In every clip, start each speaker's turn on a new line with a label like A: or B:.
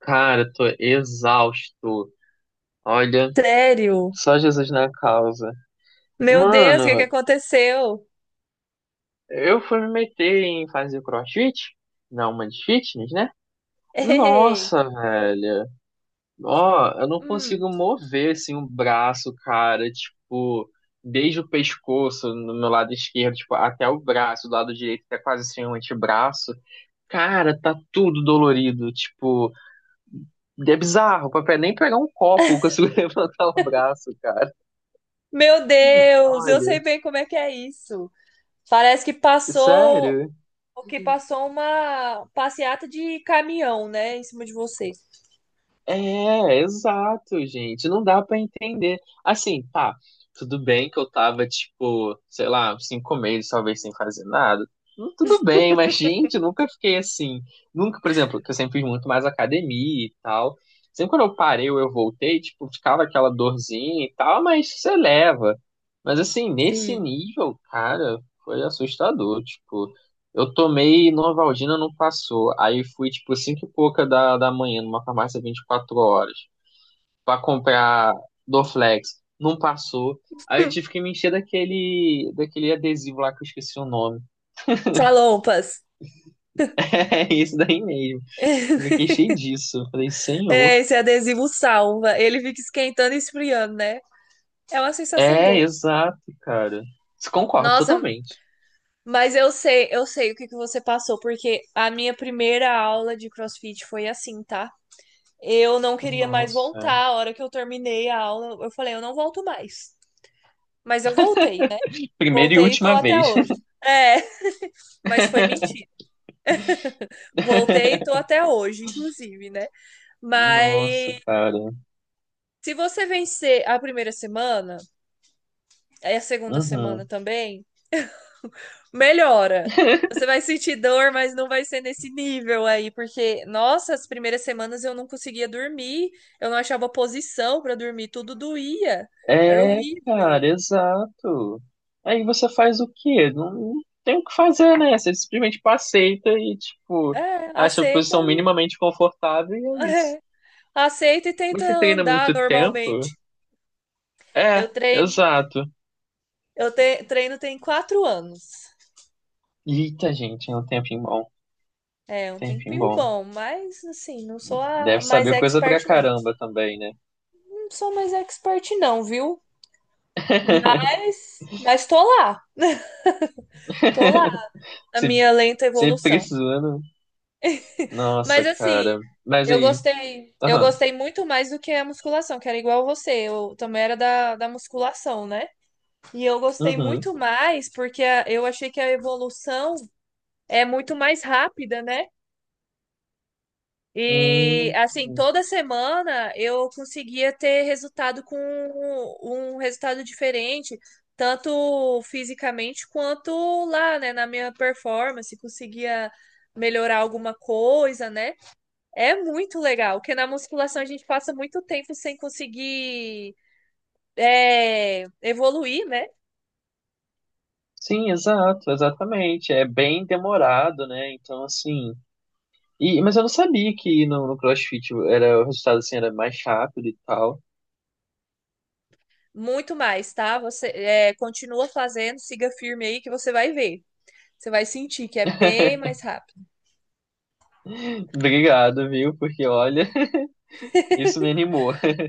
A: Cara, eu tô exausto. Olha,
B: Sério?
A: só Jesus na causa.
B: Meu Deus, o que que
A: Mano,
B: aconteceu?
A: eu fui me meter em fazer crossfit, na uma de fitness, né?
B: Eita.
A: Nossa, velho. Ó, eu não
B: Hum.
A: consigo mover assim o braço, cara, tipo, desde o pescoço no meu lado esquerdo, tipo, até o braço, do lado direito, até quase assim o antebraço. Cara, tá tudo dolorido, tipo, é bizarro, papai, nem pegar um copo eu consigo levantar o braço, cara.
B: Meu Deus, eu sei
A: Olha.
B: bem como é que é isso. Parece que passou,
A: Sério?
B: que passou uma passeata de caminhão, né, em cima de você.
A: É, exato, gente. Não dá pra entender. Assim, tá. Tudo bem que eu tava, tipo, sei lá, uns 5 meses talvez sem fazer nada. Tudo bem, mas, gente, eu nunca fiquei assim. Nunca, por exemplo, que eu sempre fiz muito mais academia e tal. Sempre quando eu parei ou eu voltei, tipo, ficava aquela dorzinha e tal, mas você leva. Mas, assim, nesse
B: Sim.
A: nível, cara, foi assustador. Tipo, eu tomei Novalgina, não passou. Aí fui, tipo, cinco e pouca da manhã, numa farmácia 24 horas, pra comprar Dorflex. Não passou. Aí eu tive que me encher daquele adesivo lá que eu esqueci o nome.
B: Salompas.
A: É isso daí mesmo. Eu me queixei disso. Eu falei,
B: É,
A: senhor.
B: esse adesivo salva. Ele fica esquentando e esfriando, né? É uma sensação
A: É,
B: boa.
A: exato, cara. Concordo
B: Nossa,
A: totalmente.
B: mas eu sei o que que você passou, porque a minha primeira aula de CrossFit foi assim, tá? Eu não queria mais voltar.
A: Nossa.
B: A hora que eu terminei a aula, eu falei, eu não volto mais. Mas eu voltei, né?
A: Primeira e
B: Voltei e tô
A: última
B: até
A: vez.
B: hoje. É, mas foi mentira. Voltei e tô até hoje, inclusive, né?
A: Nossa,
B: Mas
A: cara.
B: se você vencer a primeira semana, aí a segunda semana
A: Uhum.
B: também, melhora. Você vai sentir dor, mas não vai ser nesse nível aí, porque, nossa, as primeiras semanas eu não conseguia dormir, eu não achava posição pra dormir, tudo doía, era
A: É,
B: horrível.
A: cara, exato. Aí você faz o quê? Não, não tem o que fazer, né? Você simplesmente aceita e, tipo,
B: É,
A: acha a
B: aceita
A: posição
B: e
A: minimamente confortável e é isso.
B: é, aceita e tenta
A: Você treina
B: andar
A: muito tempo?
B: normalmente. Eu
A: É,
B: treino,
A: exato.
B: eu treino tem 4 anos.
A: Eita, gente, é um tempinho bom.
B: É, um
A: Tempinho
B: tempinho
A: bom.
B: bom, mas assim, não sou a
A: Deve
B: mais
A: saber coisa pra
B: expert, não.
A: caramba também, né?
B: Não sou mais expert, não, viu? Mas tô lá na
A: Sempre,
B: minha lenta
A: sempre
B: evolução.
A: precisando. Nossa,
B: Mas assim,
A: cara. Mas
B: eu
A: aí.
B: gostei, eu
A: Aham.
B: gostei muito mais do que a musculação, que era igual você. Eu também era da musculação, né? E eu gostei
A: Uhum.
B: muito mais porque eu achei que a evolução é muito mais rápida, né? E
A: Hum.
B: assim, toda semana eu conseguia ter resultado com um resultado diferente, tanto fisicamente quanto lá, né, na minha performance, conseguia melhorar alguma coisa, né? É muito legal, porque na musculação a gente passa muito tempo sem conseguir evoluir, né?
A: Sim, exato, exatamente. É bem demorado, né? Então, assim. E, mas eu não sabia que no CrossFit era, o resultado assim, era mais rápido e tal.
B: Muito mais, tá? Você continua fazendo, siga firme aí que você vai ver. Você vai sentir que é bem mais rápido.
A: Obrigado, viu? Porque olha, isso me animou,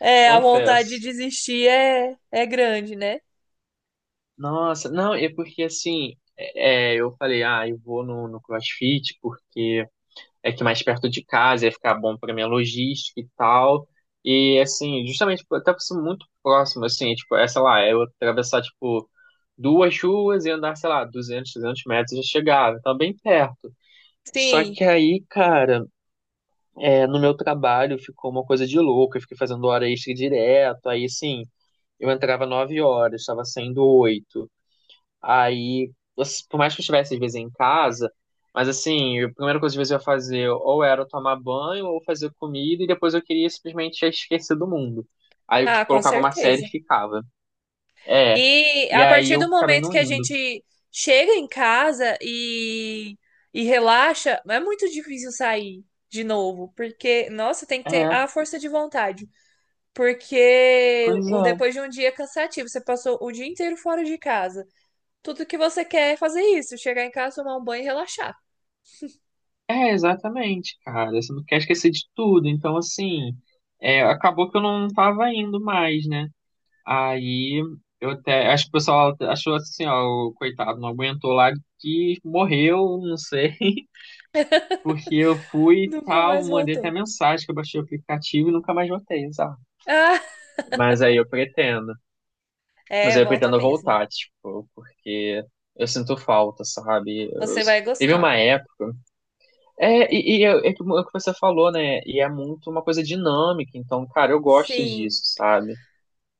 B: É, a vontade de
A: confesso.
B: desistir é grande, né?
A: Nossa, não, é porque assim, eu falei, ah, eu vou no CrossFit porque é que mais perto de casa ia ficar bom para minha logística e tal. E assim, justamente tipo, até por ser muito próximo, assim, é tipo, é, sei lá, eu atravessar tipo duas ruas e andar, sei lá, 200 300 metros e já chegava, então bem perto. Só
B: Sim.
A: que aí, cara, é, no meu trabalho ficou uma coisa de louco, eu fiquei fazendo hora extra direto, aí assim, eu entrava 9 horas, estava saindo 8. Aí, assim, por mais que eu estivesse às vezes em casa, mas assim, a primeira coisa que às vezes eu ia fazer ou era tomar banho ou fazer comida e depois eu queria simplesmente já esquecer do mundo. Aí eu
B: Ah,
A: tipo,
B: com
A: colocava uma série e
B: certeza.
A: ficava. É.
B: E
A: E
B: a
A: aí
B: partir
A: eu
B: do
A: acabei
B: momento
A: não
B: que a
A: indo.
B: gente chega em casa e relaxa, é muito difícil sair de novo, porque, nossa, tem que ter
A: É,
B: a força de vontade. Porque
A: pois é.
B: depois de um dia cansativo, você passou o dia inteiro fora de casa. Tudo que você quer é fazer isso, chegar em casa, tomar um banho e relaxar.
A: É, exatamente, cara. Você não quer esquecer de tudo. Então, assim, é, acabou que eu não tava indo mais, né? Aí eu até. Acho que o pessoal achou assim, ó, o coitado, não aguentou lá que morreu, não sei. Porque eu fui e
B: Nunca
A: tal,
B: mais
A: mandei até
B: voltou.
A: mensagem que eu baixei o aplicativo e nunca mais voltei, sabe?
B: Ah,
A: Mas aí eu pretendo. Mas
B: é,
A: aí eu
B: volta
A: pretendo
B: mesmo.
A: voltar, tipo, porque eu sinto falta, sabe? Eu-
B: Você vai
A: Teve uma
B: gostar.
A: época. É, e é, é que o que você falou, né? E é muito uma coisa dinâmica, então, cara, eu gosto
B: Sim.
A: disso, sabe?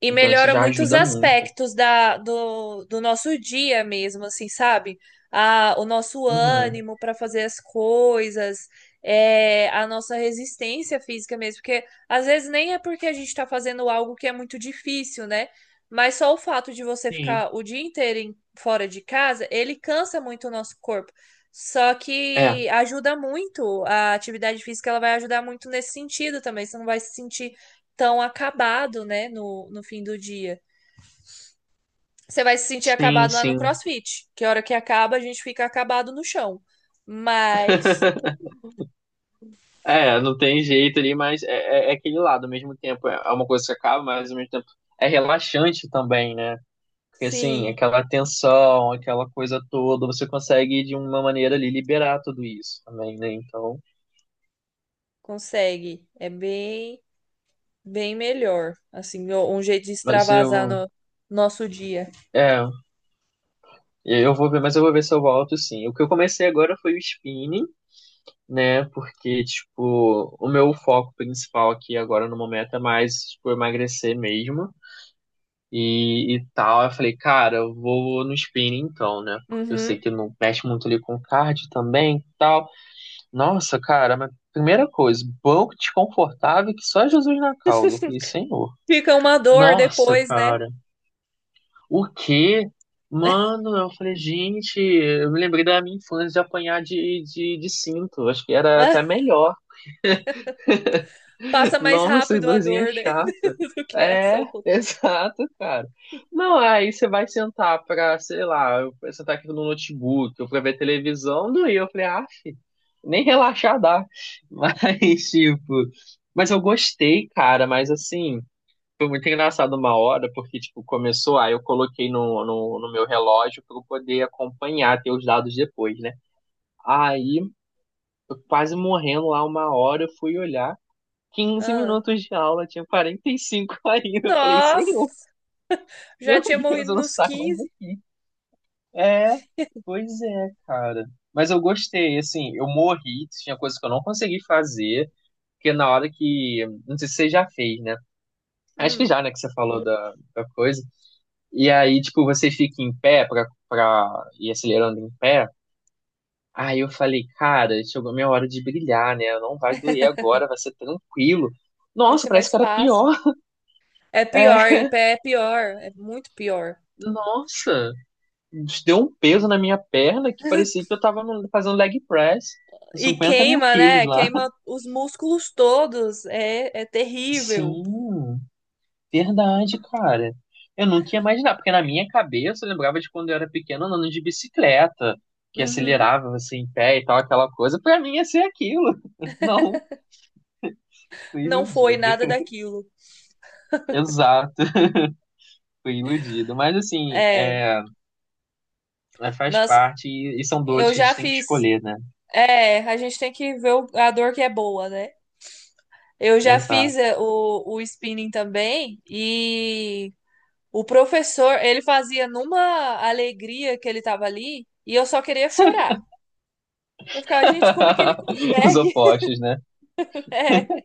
B: E
A: Então isso
B: melhora
A: já
B: muitos
A: ajuda muito.
B: aspectos do nosso dia mesmo, assim, sabe? O nosso
A: Uhum.
B: ânimo para fazer as coisas, a nossa resistência física mesmo, porque às vezes nem é porque a gente está fazendo algo que é muito difícil, né? Mas só o fato de você
A: Sim.
B: ficar o dia inteiro fora de casa, ele cansa muito o nosso corpo. Só que
A: É,
B: ajuda muito, a atividade física ela vai ajudar muito nesse sentido também. Você não vai se sentir tão acabado, né, no fim do dia. Você vai se sentir
A: sim,
B: acabado lá no
A: sim.
B: CrossFit, que a hora que acaba a gente fica acabado no chão. Mas
A: É, não tem jeito ali, mas é, é aquele lado, ao mesmo tempo é uma coisa que acaba, mas ao mesmo tempo é relaxante também, né? Porque assim,
B: sim,
A: aquela tensão, aquela coisa toda, você consegue de uma maneira ali liberar tudo isso também, né? Então,
B: consegue. É bem, bem melhor. Assim, um jeito de
A: mas
B: extravasar
A: eu,
B: no nosso dia.
A: é, eu vou ver, mas eu vou ver se eu volto sim. O que eu comecei agora foi o spinning, né? Porque, tipo, o meu foco principal aqui agora no momento é mais, tipo, emagrecer mesmo. E tal. Eu falei, cara, eu vou no spinning então, né? Porque eu sei
B: Uhum.
A: que não mexe muito ali com cardio também e tal. Nossa, cara, mas primeira coisa, banco desconfortável que só Jesus na causa. Eu falei, Senhor.
B: Fica uma dor
A: Nossa,
B: depois, né?
A: cara, o quê? Mano, eu falei, gente, eu me lembrei da minha infância de apanhar de cinto. Acho que era até melhor.
B: Passa mais
A: Nossa,
B: rápido a
A: doisinha
B: dor, né?
A: chata.
B: Do que essa
A: É,
B: outra.
A: exato, cara. Não, aí você vai sentar pra, sei lá, eu vou sentar aqui no notebook, eu pra ver televisão, doía. Eu falei, ah, nem relaxar dá. Mas, tipo, mas eu gostei, cara, mas assim, foi muito engraçado uma hora, porque, tipo, começou, aí eu coloquei no meu relógio pra eu poder acompanhar, ter os dados depois, né? Aí, eu quase morrendo lá uma hora, eu fui olhar. Quinze
B: Ah.
A: minutos de aula, tinha 45 ainda. Eu falei, senhor,
B: Nossa! Já
A: meu
B: tinha
A: Deus,
B: morrido
A: eu não
B: nos
A: saio mais
B: 15.
A: daqui. É, pois é, cara. Mas eu gostei, assim, eu morri, tinha coisas que eu não consegui fazer, porque na hora que. Não sei se você já fez, né? Acho que
B: Hum,
A: já, né, que você falou da coisa. E aí, tipo, você fica em pé pra ir acelerando em pé. Aí eu falei, cara, chegou a minha hora de brilhar, né? Não vai doer agora, vai ser tranquilo.
B: Vai
A: Nossa,
B: ser
A: parece
B: mais
A: que era
B: fácil.
A: pior.
B: É pior, em
A: É,
B: pé é pior, é muito pior.
A: nossa, deu um peso na minha perna que parecia que eu tava fazendo leg press com
B: E
A: 50 mil
B: queima,
A: quilos
B: né?
A: lá.
B: Queima os músculos todos. É terrível.
A: Sim, verdade, cara. Eu nunca ia imaginar, porque na minha cabeça eu lembrava de quando eu era pequeno andando de bicicleta, que
B: Uhum.
A: acelerava assim em pé e tal, aquela coisa. Pra mim ia ser aquilo. Não, fui
B: Não foi
A: iludido.
B: nada daquilo.
A: Exato, fui iludido. Mas assim,
B: É,
A: faz
B: nós,
A: parte e são
B: eu
A: dores que a
B: já
A: gente tem que
B: fiz.
A: escolher, né?
B: É, a gente tem que ver a dor que é boa, né? Eu já fiz
A: Exato.
B: o spinning também e o professor, ele fazia numa alegria que ele tava ali e eu só queria chorar. Eu ficava, gente, como é que ele
A: Os
B: consegue?
A: opostos, né?
B: É.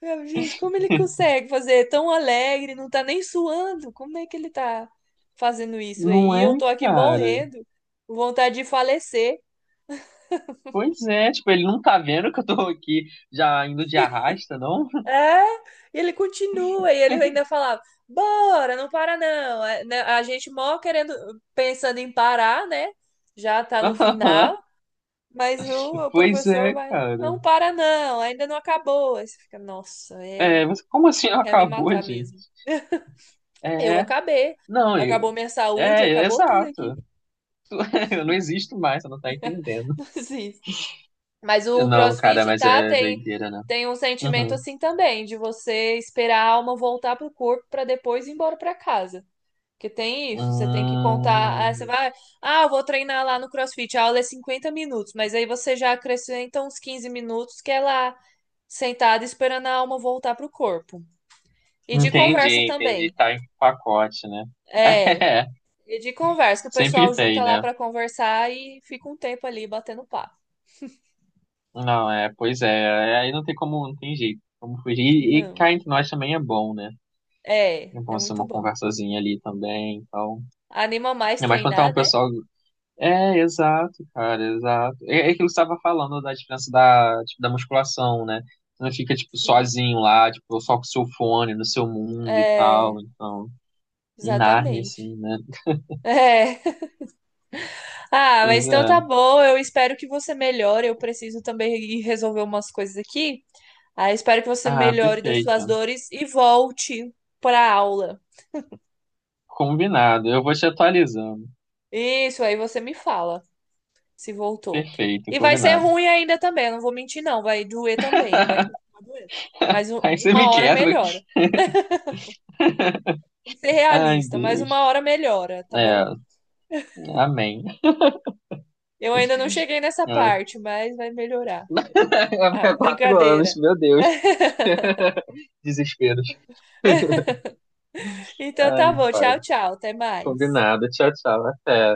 B: Gente, como ele consegue fazer tão alegre, não tá nem suando? Como é que ele tá fazendo isso aí?
A: Não
B: E
A: é,
B: eu tô aqui
A: cara?
B: morrendo, com vontade de falecer.
A: Pois é, tipo, ele não tá vendo que eu tô aqui já indo de arrasta, não?
B: É, e ele continua, e ele ainda falava, bora, não para não. É, né, a gente mó querendo, pensando em parar, né? Já tá no final, mas o
A: Pois
B: professor
A: é,
B: vai,
A: cara.
B: não para não, ainda não acabou. Aí você fica, nossa,
A: É, mas como assim
B: quer me
A: acabou,
B: matar mesmo.
A: gente?
B: Eu
A: É,
B: acabei,
A: não,
B: acabou
A: eu,
B: minha saúde,
A: é
B: acabou tudo aqui.
A: exato. Eu não existo mais, você não tá entendendo.
B: Sim. Mas o
A: Não, cara,
B: CrossFit,
A: mas
B: tá,
A: é
B: tem,
A: doideira, né?
B: tem um sentimento
A: Uhum.
B: assim também, de você esperar a alma voltar pro corpo para depois ir embora para casa. Porque tem isso, você tem que contar, ah, você
A: Hum,
B: vai, ah, eu vou treinar lá no CrossFit, a aula é 50 minutos, mas aí você já acrescenta uns 15 minutos que é lá sentada esperando a alma voltar pro corpo. E de conversa
A: entendi, entendi.
B: também.
A: Tá em pacote, né?
B: É,
A: É,
B: e de conversa, que o
A: sempre
B: pessoal
A: tem,
B: junta lá
A: né?
B: para conversar e fica um tempo ali batendo papo.
A: Não, é, pois é, é, aí não tem como, não tem jeito, como fugir. E
B: Não.
A: cá entre nós também é bom, né?
B: É,
A: É
B: é
A: bom ser
B: muito
A: uma
B: bom.
A: conversazinha ali também, então.
B: Anima mais
A: É mais quando tá
B: treinar,
A: um
B: né?
A: pessoal. É, exato, cara, exato. É aquilo que você tava falando da diferença da, tipo, da musculação, né? Você não fica, tipo,
B: Sim.
A: sozinho lá, tipo, só com o seu fone, no seu mundo e
B: É,
A: tal, então. Em Nárnia,
B: exatamente.
A: assim, né?
B: É. Ah,
A: Pois
B: mas então
A: é.
B: tá bom. Eu espero que você melhore. Eu preciso também ir resolver umas coisas aqui. Ah, espero que você
A: Ah,
B: melhore das suas
A: perfeito.
B: dores e volte pra aula.
A: Combinado. Eu vou te atualizando.
B: Isso, aí você me fala se voltou.
A: Perfeito,
B: E vai ser
A: combinado.
B: ruim ainda também, eu não vou mentir, não. Vai doer também. Vai continuar doendo. Mas
A: Aí você
B: uma
A: me
B: hora
A: quebra.
B: melhora. Tem que ser
A: Ai,
B: realista, mas uma
A: Deus.
B: hora melhora, tá
A: É,
B: bom?
A: amém.
B: Eu ainda não cheguei nessa
A: É.
B: parte, mas vai melhorar. Ah,
A: 4 anos,
B: brincadeira.
A: meu Deus. Desesperos.
B: Então tá
A: Ai,
B: bom.
A: pai.
B: Tchau, tchau. Até mais.
A: Combinado. Tchau, tchau. Até.